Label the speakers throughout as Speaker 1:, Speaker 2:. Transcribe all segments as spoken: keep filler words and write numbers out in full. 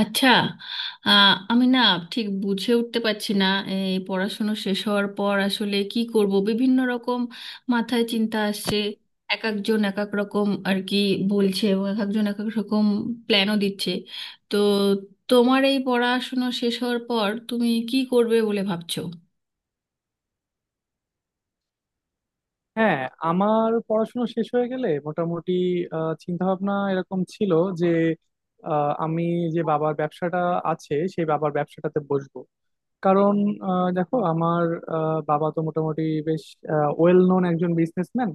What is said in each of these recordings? Speaker 1: আচ্ছা। আহ, আমি না ঠিক বুঝে উঠতে পারছি না, এই পড়াশুনো শেষ হওয়ার পর আসলে কি করব, বিভিন্ন রকম মাথায় চিন্তা আসছে। এক একজন এক এক রকম আর কি বলছে, এবং এক একজন এক এক রকম প্ল্যানও দিচ্ছে। তো তোমার এই পড়াশুনো শেষ হওয়ার পর তুমি কি করবে বলে ভাবছো?
Speaker 2: হ্যাঁ, আমার পড়াশোনা শেষ হয়ে গেলে মোটামুটি চিন্তা ভাবনা এরকম ছিল যে আহ, আমি যে বাবার ব্যবসাটা আছে সেই বাবার ব্যবসাটাতে বসবো। কারণ আহ, দেখো আমার আহ, বাবা তো মোটামুটি বেশ ওয়েল নোন একজন বিজনেসম্যান।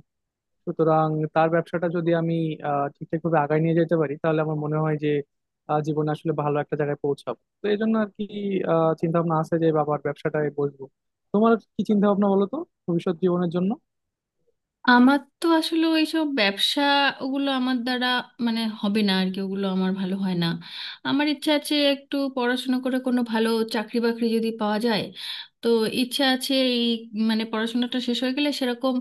Speaker 2: সুতরাং তার ব্যবসাটা যদি আমি আহ, ঠিকঠাকভাবে আগায় নিয়ে যেতে পারি তাহলে আমার মনে হয় যে আহ, জীবনে আসলে ভালো একটা জায়গায় পৌঁছাবো, তো এই জন্য আর কি চিন্তা ভাবনা আছে যে বাবার ব্যবসাটায় বসবো। তোমার কি চিন্তা ভাবনা বলো তো, ভবিষ্যৎ জীবনের জন্য?
Speaker 1: আমার তো আসলে ওইসব ব্যবসা, ওগুলো আমার দ্বারা মানে হবে না আর কি, ওগুলো আমার ভালো হয় না। আমার ইচ্ছা আছে একটু পড়াশোনা করে কোনো ভালো চাকরি বাকরি যদি পাওয়া যায়, তো ইচ্ছা আছে এই, মানে পড়াশোনাটা শেষ হয়ে গেলে সেরকম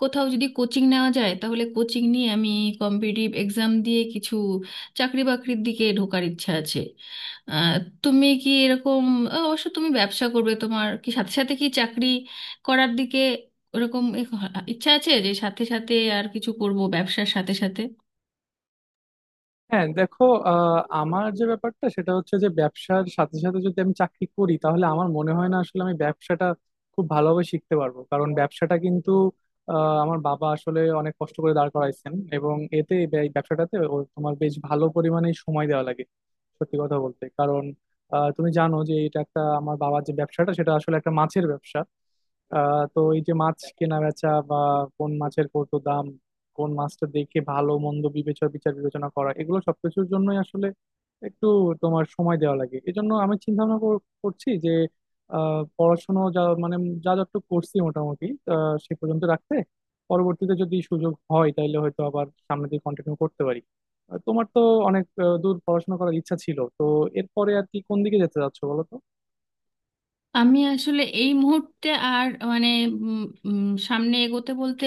Speaker 1: কোথাও যদি কোচিং নেওয়া যায় তাহলে কোচিং নিয়ে আমি কম্পিটিটিভ এক্সাম দিয়ে কিছু চাকরি বাকরির দিকে ঢোকার ইচ্ছা আছে। আহ, তুমি কি এরকম, অবশ্য তুমি ব্যবসা করবে, তোমার কি সাথে সাথে কি চাকরি করার দিকে ওরকম এক- ইচ্ছা আছে যে সাথে সাথে আর কিছু করব ব্যবসার সাথে সাথে?
Speaker 2: হ্যাঁ দেখো, আহ, আমার যে ব্যাপারটা সেটা হচ্ছে যে ব্যবসার সাথে সাথে যদি আমি চাকরি করি তাহলে আমার মনে হয় না আসলে আমি ব্যবসাটা খুব ভালোভাবে শিখতে পারবো। কারণ ব্যবসাটা কিন্তু আহ, আমার বাবা আসলে অনেক কষ্ট করে দাঁড় করাইছেন, এবং এতে ব্যয়- ব্যবসাটাতে ও তোমার বেশ ভালো পরিমাণে সময় দেওয়া লাগে। সত্যি কথা বলতে কারণ আহ, তুমি জানো যে এটা একটা আমার বাবার যে ব্যবসাটা সেটা আসলে একটা মাছের ব্যবসা। আহ তো এই যে মাছ কেনা বেচা বা কোন মাছের কত দাম, কোন মাছটা দেখে ভালো মন্দ বিবেচনা বিচার বিবেচনা করা, এগুলো সবকিছুর জন্যই আসলে একটু তোমার সময় দেওয়া লাগে। এজন্য আমি চিন্তা ভাবনা করছি যে আহ পড়াশোনা যা মানে যা যতটুকু করছি মোটামুটি আহ সে পর্যন্ত রাখতে, পরবর্তীতে যদি সুযোগ হয় তাহলে হয়তো আবার সামনে দিয়ে কন্টিনিউ করতে পারি। আহ, তোমার তো অনেক আহ, দূর পড়াশোনা করার ইচ্ছা ছিল তো, এরপরে আর কি কোন দিকে যেতে চাচ্ছো বলো তো?
Speaker 1: আমি আসলে এই মুহূর্তে আর মানে উম, উম, সামনে এগোতে বলতে,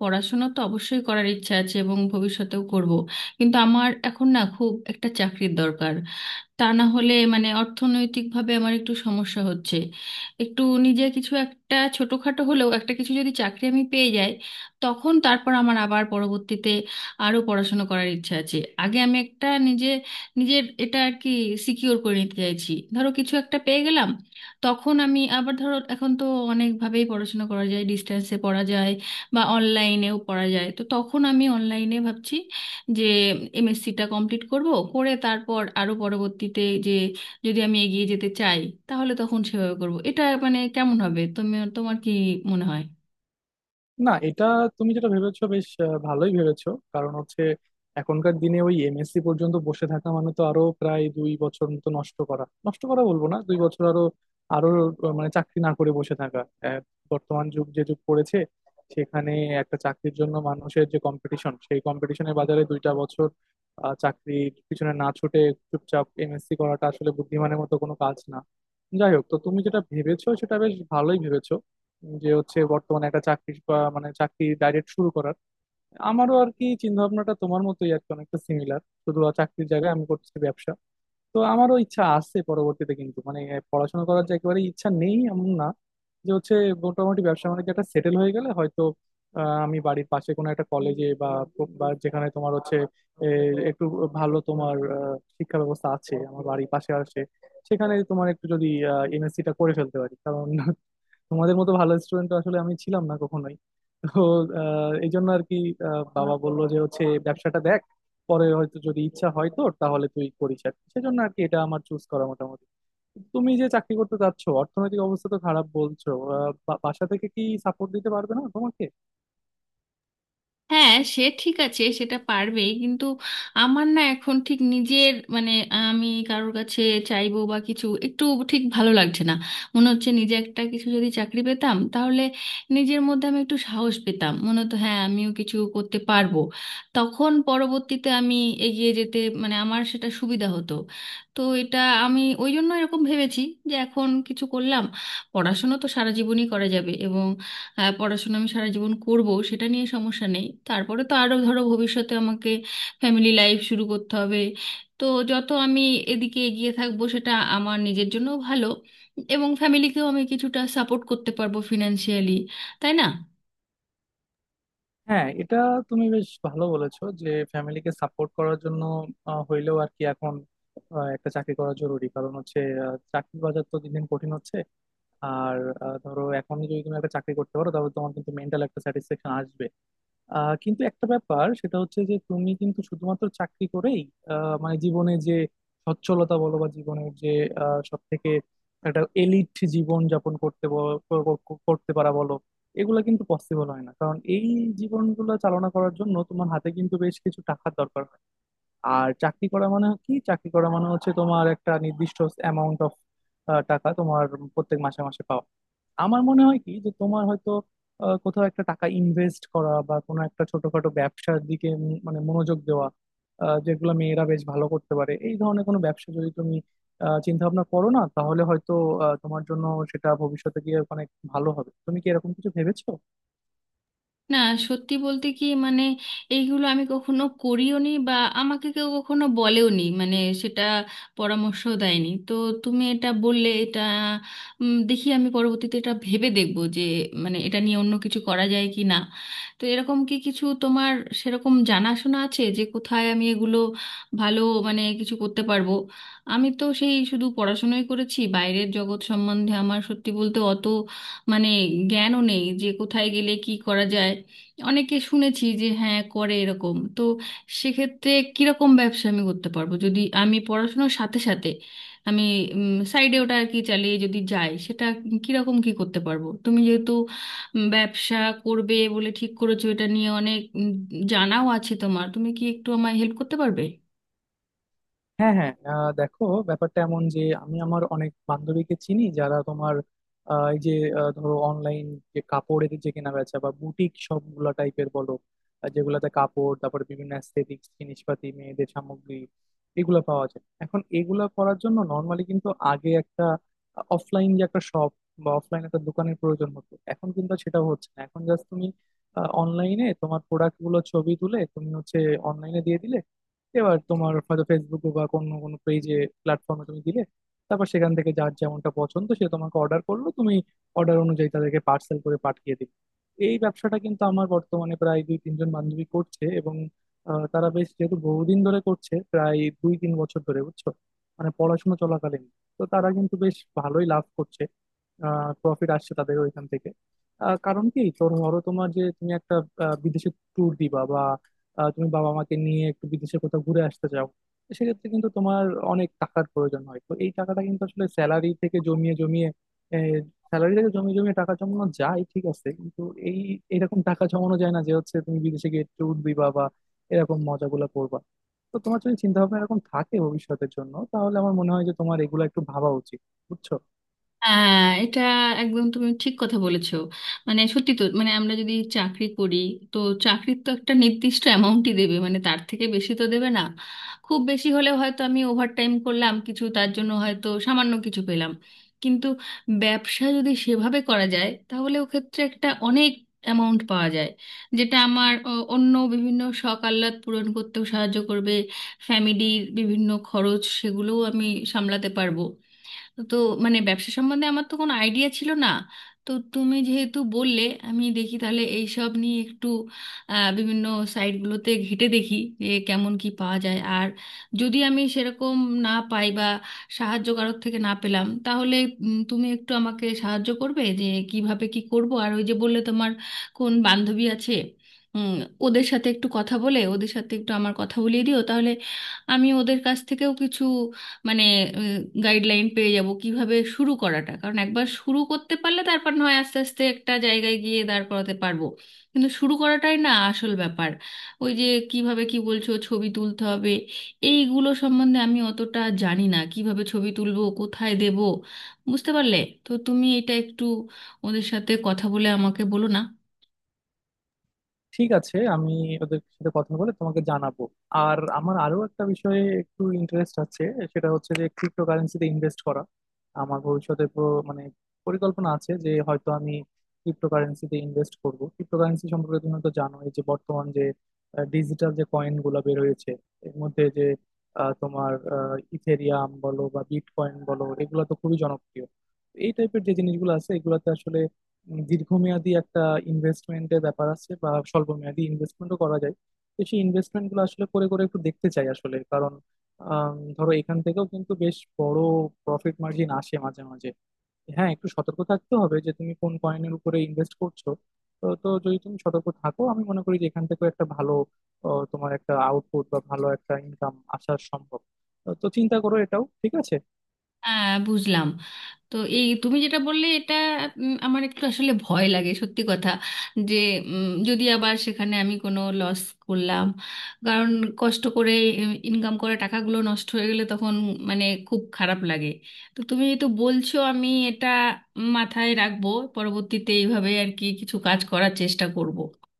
Speaker 1: পড়াশোনা তো অবশ্যই করার ইচ্ছা আছে এবং ভবিষ্যতেও করব, কিন্তু আমার এখন না খুব একটা চাকরির দরকার, তা না হলে মানে অর্থনৈতিকভাবে আমার একটু সমস্যা হচ্ছে। একটু নিজে কিছু একটা ছোটখাটো হলেও একটা কিছু যদি চাকরি আমি পেয়ে যাই, তখন তারপর আমার আবার পরবর্তীতে আরও পড়াশোনা করার ইচ্ছা আছে। আগে আমি একটা নিজে, নিজের এটা আর কি সিকিওর করে নিতে চাইছি। ধরো কিছু একটা পেয়ে গেলাম, তখন আমি আবার ধরো এখন তো অনেকভাবেই পড়াশোনা করা যায়, ডিস্টেন্সে পড়া যায় বা অনলাইনেও পড়া যায়, তো তখন আমি অনলাইনে ভাবছি যে এমএসসিটা কমপ্লিট করব। করে তারপর আরো পরবর্তীতে যে যদি আমি এগিয়ে যেতে চাই তাহলে তখন সেভাবে করব। এটা মানে কেমন হবে, তুমি তোমার কি মনে হয়?
Speaker 2: না, এটা তুমি যেটা ভেবেছো বেশ আহ, ভালোই ভেবেছো। কারণ হচ্ছে এখনকার দিনে ওই এমএসসি পর্যন্ত বসে থাকা মানে তো আরো প্রায় দুই বছর মতো নষ্ট করা, নষ্ট করা বলবো না, দুই বছর আরো আরো আহ, মানে চাকরি না করে বসে থাকা। আহ, বর্তমান যুগ যে যুগ পড়েছে সেখানে একটা চাকরির জন্য মানুষের যে কম্পিটিশন, সেই কম্পিটিশনের বাজারে দুইটা বছর আহ, চাকরির পিছনে না ছুটে চুপচাপ এমএসসি করাটা আসলে বুদ্ধিমানের মতো কোনো কাজ না। যাই হোক, তো তুমি যেটা ভেবেছো সেটা বেশ ভালোই ভেবেছো, যে হচ্ছে বর্তমানে একটা চাকরি বা মানে চাকরি ডাইরেক্ট শুরু করার। আমারও আর কি চিন্তা ভাবনাটা তোমার মতোই আর কি অনেকটা সিমিলার, শুধু আর চাকরির জায়গায় আমি করছি ব্যবসা। তো আমারও ইচ্ছা আছে পরবর্তীতে, কিন্তু মানে পড়াশোনা করার যে একেবারে ইচ্ছা নেই এমন না। যে হচ্ছে মোটামুটি ব্যবসা বাণিজ্য একটা সেটেল হয়ে গেলে হয়তো আহ, আমি বাড়ির পাশে কোনো একটা কলেজে বা বা যেখানে তোমার হচ্ছে এ, একটু ভালো তোমার আহ, শিক্ষা ব্যবস্থা আছে আমার বাড়ির পাশে আছে, সেখানে তোমার একটু যদি এমএসসি টা করে ফেলতে পারি। কারণ তোমাদের মতো ভালো স্টুডেন্ট আসলে আমি ছিলাম না কখনোই। তো আহ, এই জন্য আর কি আহ, বাবা বললো যে হচ্ছে ব্যবসাটা দেখ, পরে হয়তো যদি ইচ্ছা হয় তোর তাহলে তুই করিস আর কি। সেজন্য আর কি এটা আমার চুজ করা মোটামুটি। তুমি যে চাকরি করতে চাচ্ছ, অর্থনৈতিক অবস্থা তো খারাপ বলছো, আহ, বা- বাসা থেকে কি সাপোর্ট দিতে পারবে না তোমাকে?
Speaker 1: হ্যাঁ, সে ঠিক আছে, সেটা পারবেই, কিন্তু আমার না এখন ঠিক নিজের মানে আমি কারোর কাছে চাইবো বা কিছু, একটু ঠিক ভালো লাগছে না। মনে হচ্ছে নিজে একটা কিছু যদি চাকরি পেতাম তাহলে নিজের মধ্যে আমি একটু সাহস পেতাম, মনে হতো হ্যাঁ আমিও কিছু করতে পারবো। তখন পরবর্তীতে আমি এগিয়ে যেতে মানে আমার সেটা সুবিধা হতো। তো এটা আমি ওই জন্য এরকম ভেবেছি যে এখন কিছু করলাম, পড়াশুনো তো সারা জীবনই করা যাবে। এবং হ্যাঁ, পড়াশোনা আমি সারা জীবন করব, সেটা নিয়ে সমস্যা নেই। তারপরে তো আরো ধরো ভবিষ্যতে আমাকে ফ্যামিলি লাইফ শুরু করতে হবে, তো যত আমি এদিকে এগিয়ে থাকবো সেটা আমার নিজের জন্য ভালো, এবং ফ্যামিলিকেও আমি কিছুটা সাপোর্ট করতে পারবো ফিনান্সিয়ালি, তাই না?
Speaker 2: হ্যাঁ, এটা তুমি বেশ ভালো বলেছো যে ফ্যামিলিকে সাপোর্ট করার জন্য আহ, হইলেও আর কি এখন আহ, একটা চাকরি করা জরুরি। কারণ হচ্ছে আহ, চাকরির বাজার তো দিন দিন কঠিন হচ্ছে। আর আহ, ধরো এখনই যদি তুমি একটা চাকরি করতে পারো তাহলে তোমার কিন্তু মেন্টাল একটা স্যাটিসফ্যাকশন আসবে। আহ, কিন্তু একটা ব্যাপার সেটা হচ্ছে যে তুমি কিন্তু শুধুমাত্র চাকরি করেই আহ, মানে জীবনে যে সচ্ছলতা বলো বা জীবনের যে সব থেকে একটা এলিট জীবন যাপন করতে ব- ক- ক- করতে পারা বলো, এগুলা কিন্তু পসিবল হয় না। কারণ এই জীবনগুলো চালনা করার জন্য তোমার হাতে কিন্তু বেশ কিছু টাকার দরকার হয়। আর চাকরি করা মানে কি? চাকরি করা মানে হচ্ছে তোমার একটা নির্দিষ্ট অ্যামাউন্ট অফ টাকা তোমার প্রত্যেক মাসে মাসে পাওয়া। আমার মনে হয় কি যে তোমার হয়তো আহ, কোথাও একটা টাকা ইনভেস্ট করা বা কোনো একটা ছোটখাটো ব্যবসার দিকে উম মানে মনোযোগ দেওয়া, আহ, যেগুলো মেয়েরা বেশ ভালো করতে পারে এই ধরনের কোনো ব্যবসা যদি তুমি চিন্তা ভাবনা করো না তাহলে হয়তো আহ, তোমার জন্য সেটা ভবিষ্যতে গিয়ে অনেক ভালো হবে। তুমি কি এরকম কিছু ভেবেছো?
Speaker 1: না, সত্যি বলতে কি মানে এইগুলো আমি কখনো করিওনি বা আমাকে কেউ কখনো বলেওনি, মানে সেটা পরামর্শ দেয়নি। তো তুমি এটা বললে, এটা উম, দেখি আমি পরবর্তীতে এটা ভেবে দেখবো যে মানে এটা নিয়ে অন্য কিছু করা যায় কি না। তো এরকম কি কিছু তোমার সেরকম জানাশোনা আছে যে কোথায় আমি এগুলো ভালো মানে কিছু করতে পারবো? আমি তো সেই শুধু পড়াশোনাই করেছি, বাইরের জগৎ সম্বন্ধে আমার সত্যি বলতে অত মানে জ্ঞানও নেই যে কোথায় গেলে কি করা যায়। অনেকে শুনেছি যে হ্যাঁ করে এরকম, তো সেক্ষেত্রে কিরকম ব্যবসা আমি করতে পারবো, যদি আমি পড়াশোনার সাথে সাথে আমি সাইডে ওটা আর কি চালিয়ে যদি যাই সেটা কিরকম কি করতে পারবো? তুমি যেহেতু উম, ব্যবসা করবে বলে ঠিক করেছো, এটা নিয়ে অনেক উম, জানাও আছে তোমার, তুমি কি একটু আমায় হেল্প করতে পারবে?
Speaker 2: হ্যাঁ হ্যাঁ, আহ, দেখো ব্যাপারটা এমন যে আমি আমার অনেক বান্ধবীকে চিনি যারা তোমার আহ, এই যে আহ, ধরো অনলাইন যে কাপড়ের যে কেনা বেচা বা বুটিক সবগুলা টাইপের বলো, আহ, যেগুলাতে কাপড় তারপর বিভিন্ন অ্যাস্থেটিক্স জিনিসপাতি মেয়েদের সামগ্রী এগুলো পাওয়া যায়। এখন এগুলা করার জন্য নর্মালি কিন্তু আগে একটা অফলাইন যে একটা শপ বা অফলাইন একটা দোকানের প্রয়োজন হতো, এখন কিন্তু সেটাও হচ্ছে না। এখন জাস্ট তুমি অনলাইনে তোমার প্রোডাক্ট গুলো ছবি তুলে তুমি হচ্ছে অনলাইনে দিয়ে দিলে, এবার তোমার হয়তো ফেসবুকে বা কোনো কোনো পেজে প্ল্যাটফর্মে তুমি দিলে, তারপর সেখান থেকে যার যেমনটা পছন্দ সে তোমাকে অর্ডার করলো, তুমি অর্ডার অনুযায়ী তাদেরকে পার্সেল করে পাঠিয়ে দিলে। এই ব্যবসাটা কিন্তু আমার বর্তমানে প্রায় দুই তিনজন বান্ধবী করছে, এবং আহ, তারা বেশ যেহেতু বহুদিন ধরে করছে প্রায় দুই তিন বছর ধরে, বুঝছো, মানে পড়াশোনা চলাকালীন। তো তারা কিন্তু বেশ ভালোই লাভ করছে, প্রফিট আসছে তাদের ওইখান থেকে। আহ, কারণ কি তো ধরো তোমার যে তুমি একটা আহ, বিদেশে ট্যুর দিবা বা আহ, তুমি বাবা মাকে নিয়ে একটু বিদেশে কোথাও ঘুরে আসতে চাও, তো সেক্ষেত্রে কিন্তু তোমার অনেক টাকার প্রয়োজন হয়। তো এই টাকাটা কিন্তু আসলে স্যালারি থেকে জমিয়ে জমিয়ে স্যালারি থেকে জমিয়ে জমিয়ে টাকা জমানো যায় ঠিক আছে, কিন্তু এই এরকম টাকা জমানো যায় না যে হচ্ছে তুমি বিদেশে গিয়ে ট্যুর দিবা বা এরকম মজাগুলো করবা। তো তোমার যদি চিন্তা ভাবনা এরকম থাকে ভবিষ্যতের জন্য তাহলে আমার মনে হয় যে তোমার এগুলো একটু ভাবা উচিত, বুঝছো?
Speaker 1: হ্যাঁ, এটা একদম তুমি ঠিক কথা বলেছো। মানে সত্যি তো, মানে আমরা যদি চাকরি করি, তো চাকরির তো একটা নির্দিষ্ট অ্যামাউন্টই দেবে, মানে তার থেকে বেশি তো দেবে না। খুব বেশি হলে হয়তো আমি ওভারটাইম করলাম কিছু, তার জন্য হয়তো সামান্য কিছু পেলাম। কিন্তু ব্যবসা যদি সেভাবে করা যায় তাহলে ও ক্ষেত্রে একটা অনেক অ্যামাউন্ট পাওয়া যায়, যেটা আমার অ, অন্য বিভিন্ন শখ আহ্লাদ পূরণ করতেও সাহায্য করবে। ফ্যামিলির বিভিন্ন খরচ সেগুলোও আমি সামলাতে পারবো। তো মানে ব্যবসা সম্বন্ধে আমার তো কোনো আইডিয়া ছিল না, তো তুমি যেহেতু বললে আমি দেখি তাহলে এই সব নিয়ে একটু আহ, বিভিন্ন সাইটগুলোতে ঘেঁটে দেখি যে কেমন কি পাওয়া যায়। আর যদি আমি সেরকম না পাই বা সাহায্য কারোর থেকে না পেলাম তাহলে উম, তুমি একটু আমাকে সাহায্য করবে যে কিভাবে কি করব। আর ওই যে বললে তোমার কোন বান্ধবী আছে, উম, ওদের সাথে একটু কথা বলে ওদের সাথে একটু আমার কথা বলিয়ে দিও, তাহলে আমি ওদের কাছ থেকেও কিছু মানে গাইডলাইন পেয়ে যাব কিভাবে শুরু করাটা। কারণ একবার শুরু করতে পারলে তারপর নয় আস্তে আস্তে একটা জায়গায় গিয়ে দাঁড় করাতে পারবো, কিন্তু শুরু করাটাই না আসল ব্যাপার। ওই যে কিভাবে কি বলছো ছবি তুলতে হবে, এইগুলো সম্বন্ধে আমি অতটা জানি না, কিভাবে ছবি তুলবো কোথায় দেব বুঝতে পারলে। তো তুমি এটা একটু ওদের সাথে কথা বলে আমাকে বলো না।
Speaker 2: ঠিক আছে, আমি ওদের সাথে কথা বলে তোমাকে জানাবো। আর আমার আরো একটা বিষয়ে একটু ইন্টারেস্ট আছে, সেটা হচ্ছে যে ক্রিপ্টো কারেন্সিতে ইনভেস্ট করা। আমার ভবিষ্যতে প্র- মানে পরিকল্পনা আছে যে হয়তো আমি ক্রিপ্টো কারেন্সিতে ইনভেস্ট করব। ক্রিপ্টো কারেন্সি সম্পর্কে তুমি তো জানো, এই যে বর্তমান যে ডিজিটাল যে কয়েন গুলা বের হয়েছে, এর মধ্যে যে আহ, তোমার ইথেরিয়াম বলো বা বিটকয়েন বলো এগুলো তো খুবই জনপ্রিয়। এই টাইপের যে জিনিসগুলো আছে এগুলাতে আসলে উম, দীর্ঘমেয়াদী একটা ইনভেস্টমেন্টের ব্যাপার আছে বা স্বল্প মেয়াদী ইনভেস্টমেন্টও করা যায়। তো সেই ইনভেস্টমেন্ট গুলো আসলে করে করে একটু দেখতে চাই আসলে, কারণ আম, ধরো এখান থেকেও কিন্তু বেশ বড় প্রফিট মার্জিন আসে মাঝে মাঝে। হ্যাঁ, একটু সতর্ক থাকতে হবে যে তুমি কোন কয়েনের উপরে ইনভেস্ট করছো। তো তো যদি তুমি সতর্ক থাকো আমি মনে করি যে এখান থেকেও একটা ভালো আহ, তোমার একটা আউটপুট বা ভালো একটা ইনকাম আসা সম্ভব। তো তো চিন্তা করো, এটাও ঠিক আছে।
Speaker 1: হ্যাঁ বুঝলাম। তো এই তুমি যেটা বললে, এটা উম, আমার একটু আসলে ভয় লাগে সত্যি কথা যে উম, যদি আবার সেখানে আমি কোনো লস করলাম, কারণ কষ্ট করে ইনকাম করা টাকাগুলো নষ্ট হয়ে গেলে তখন মানে খুব খারাপ লাগে। তো তুমি যেহেতু বলছো আমি এটা মাথায় রাখবো, পরবর্তীতে এইভাবে আর কি কিছু কাজ করার চেষ্টা করব।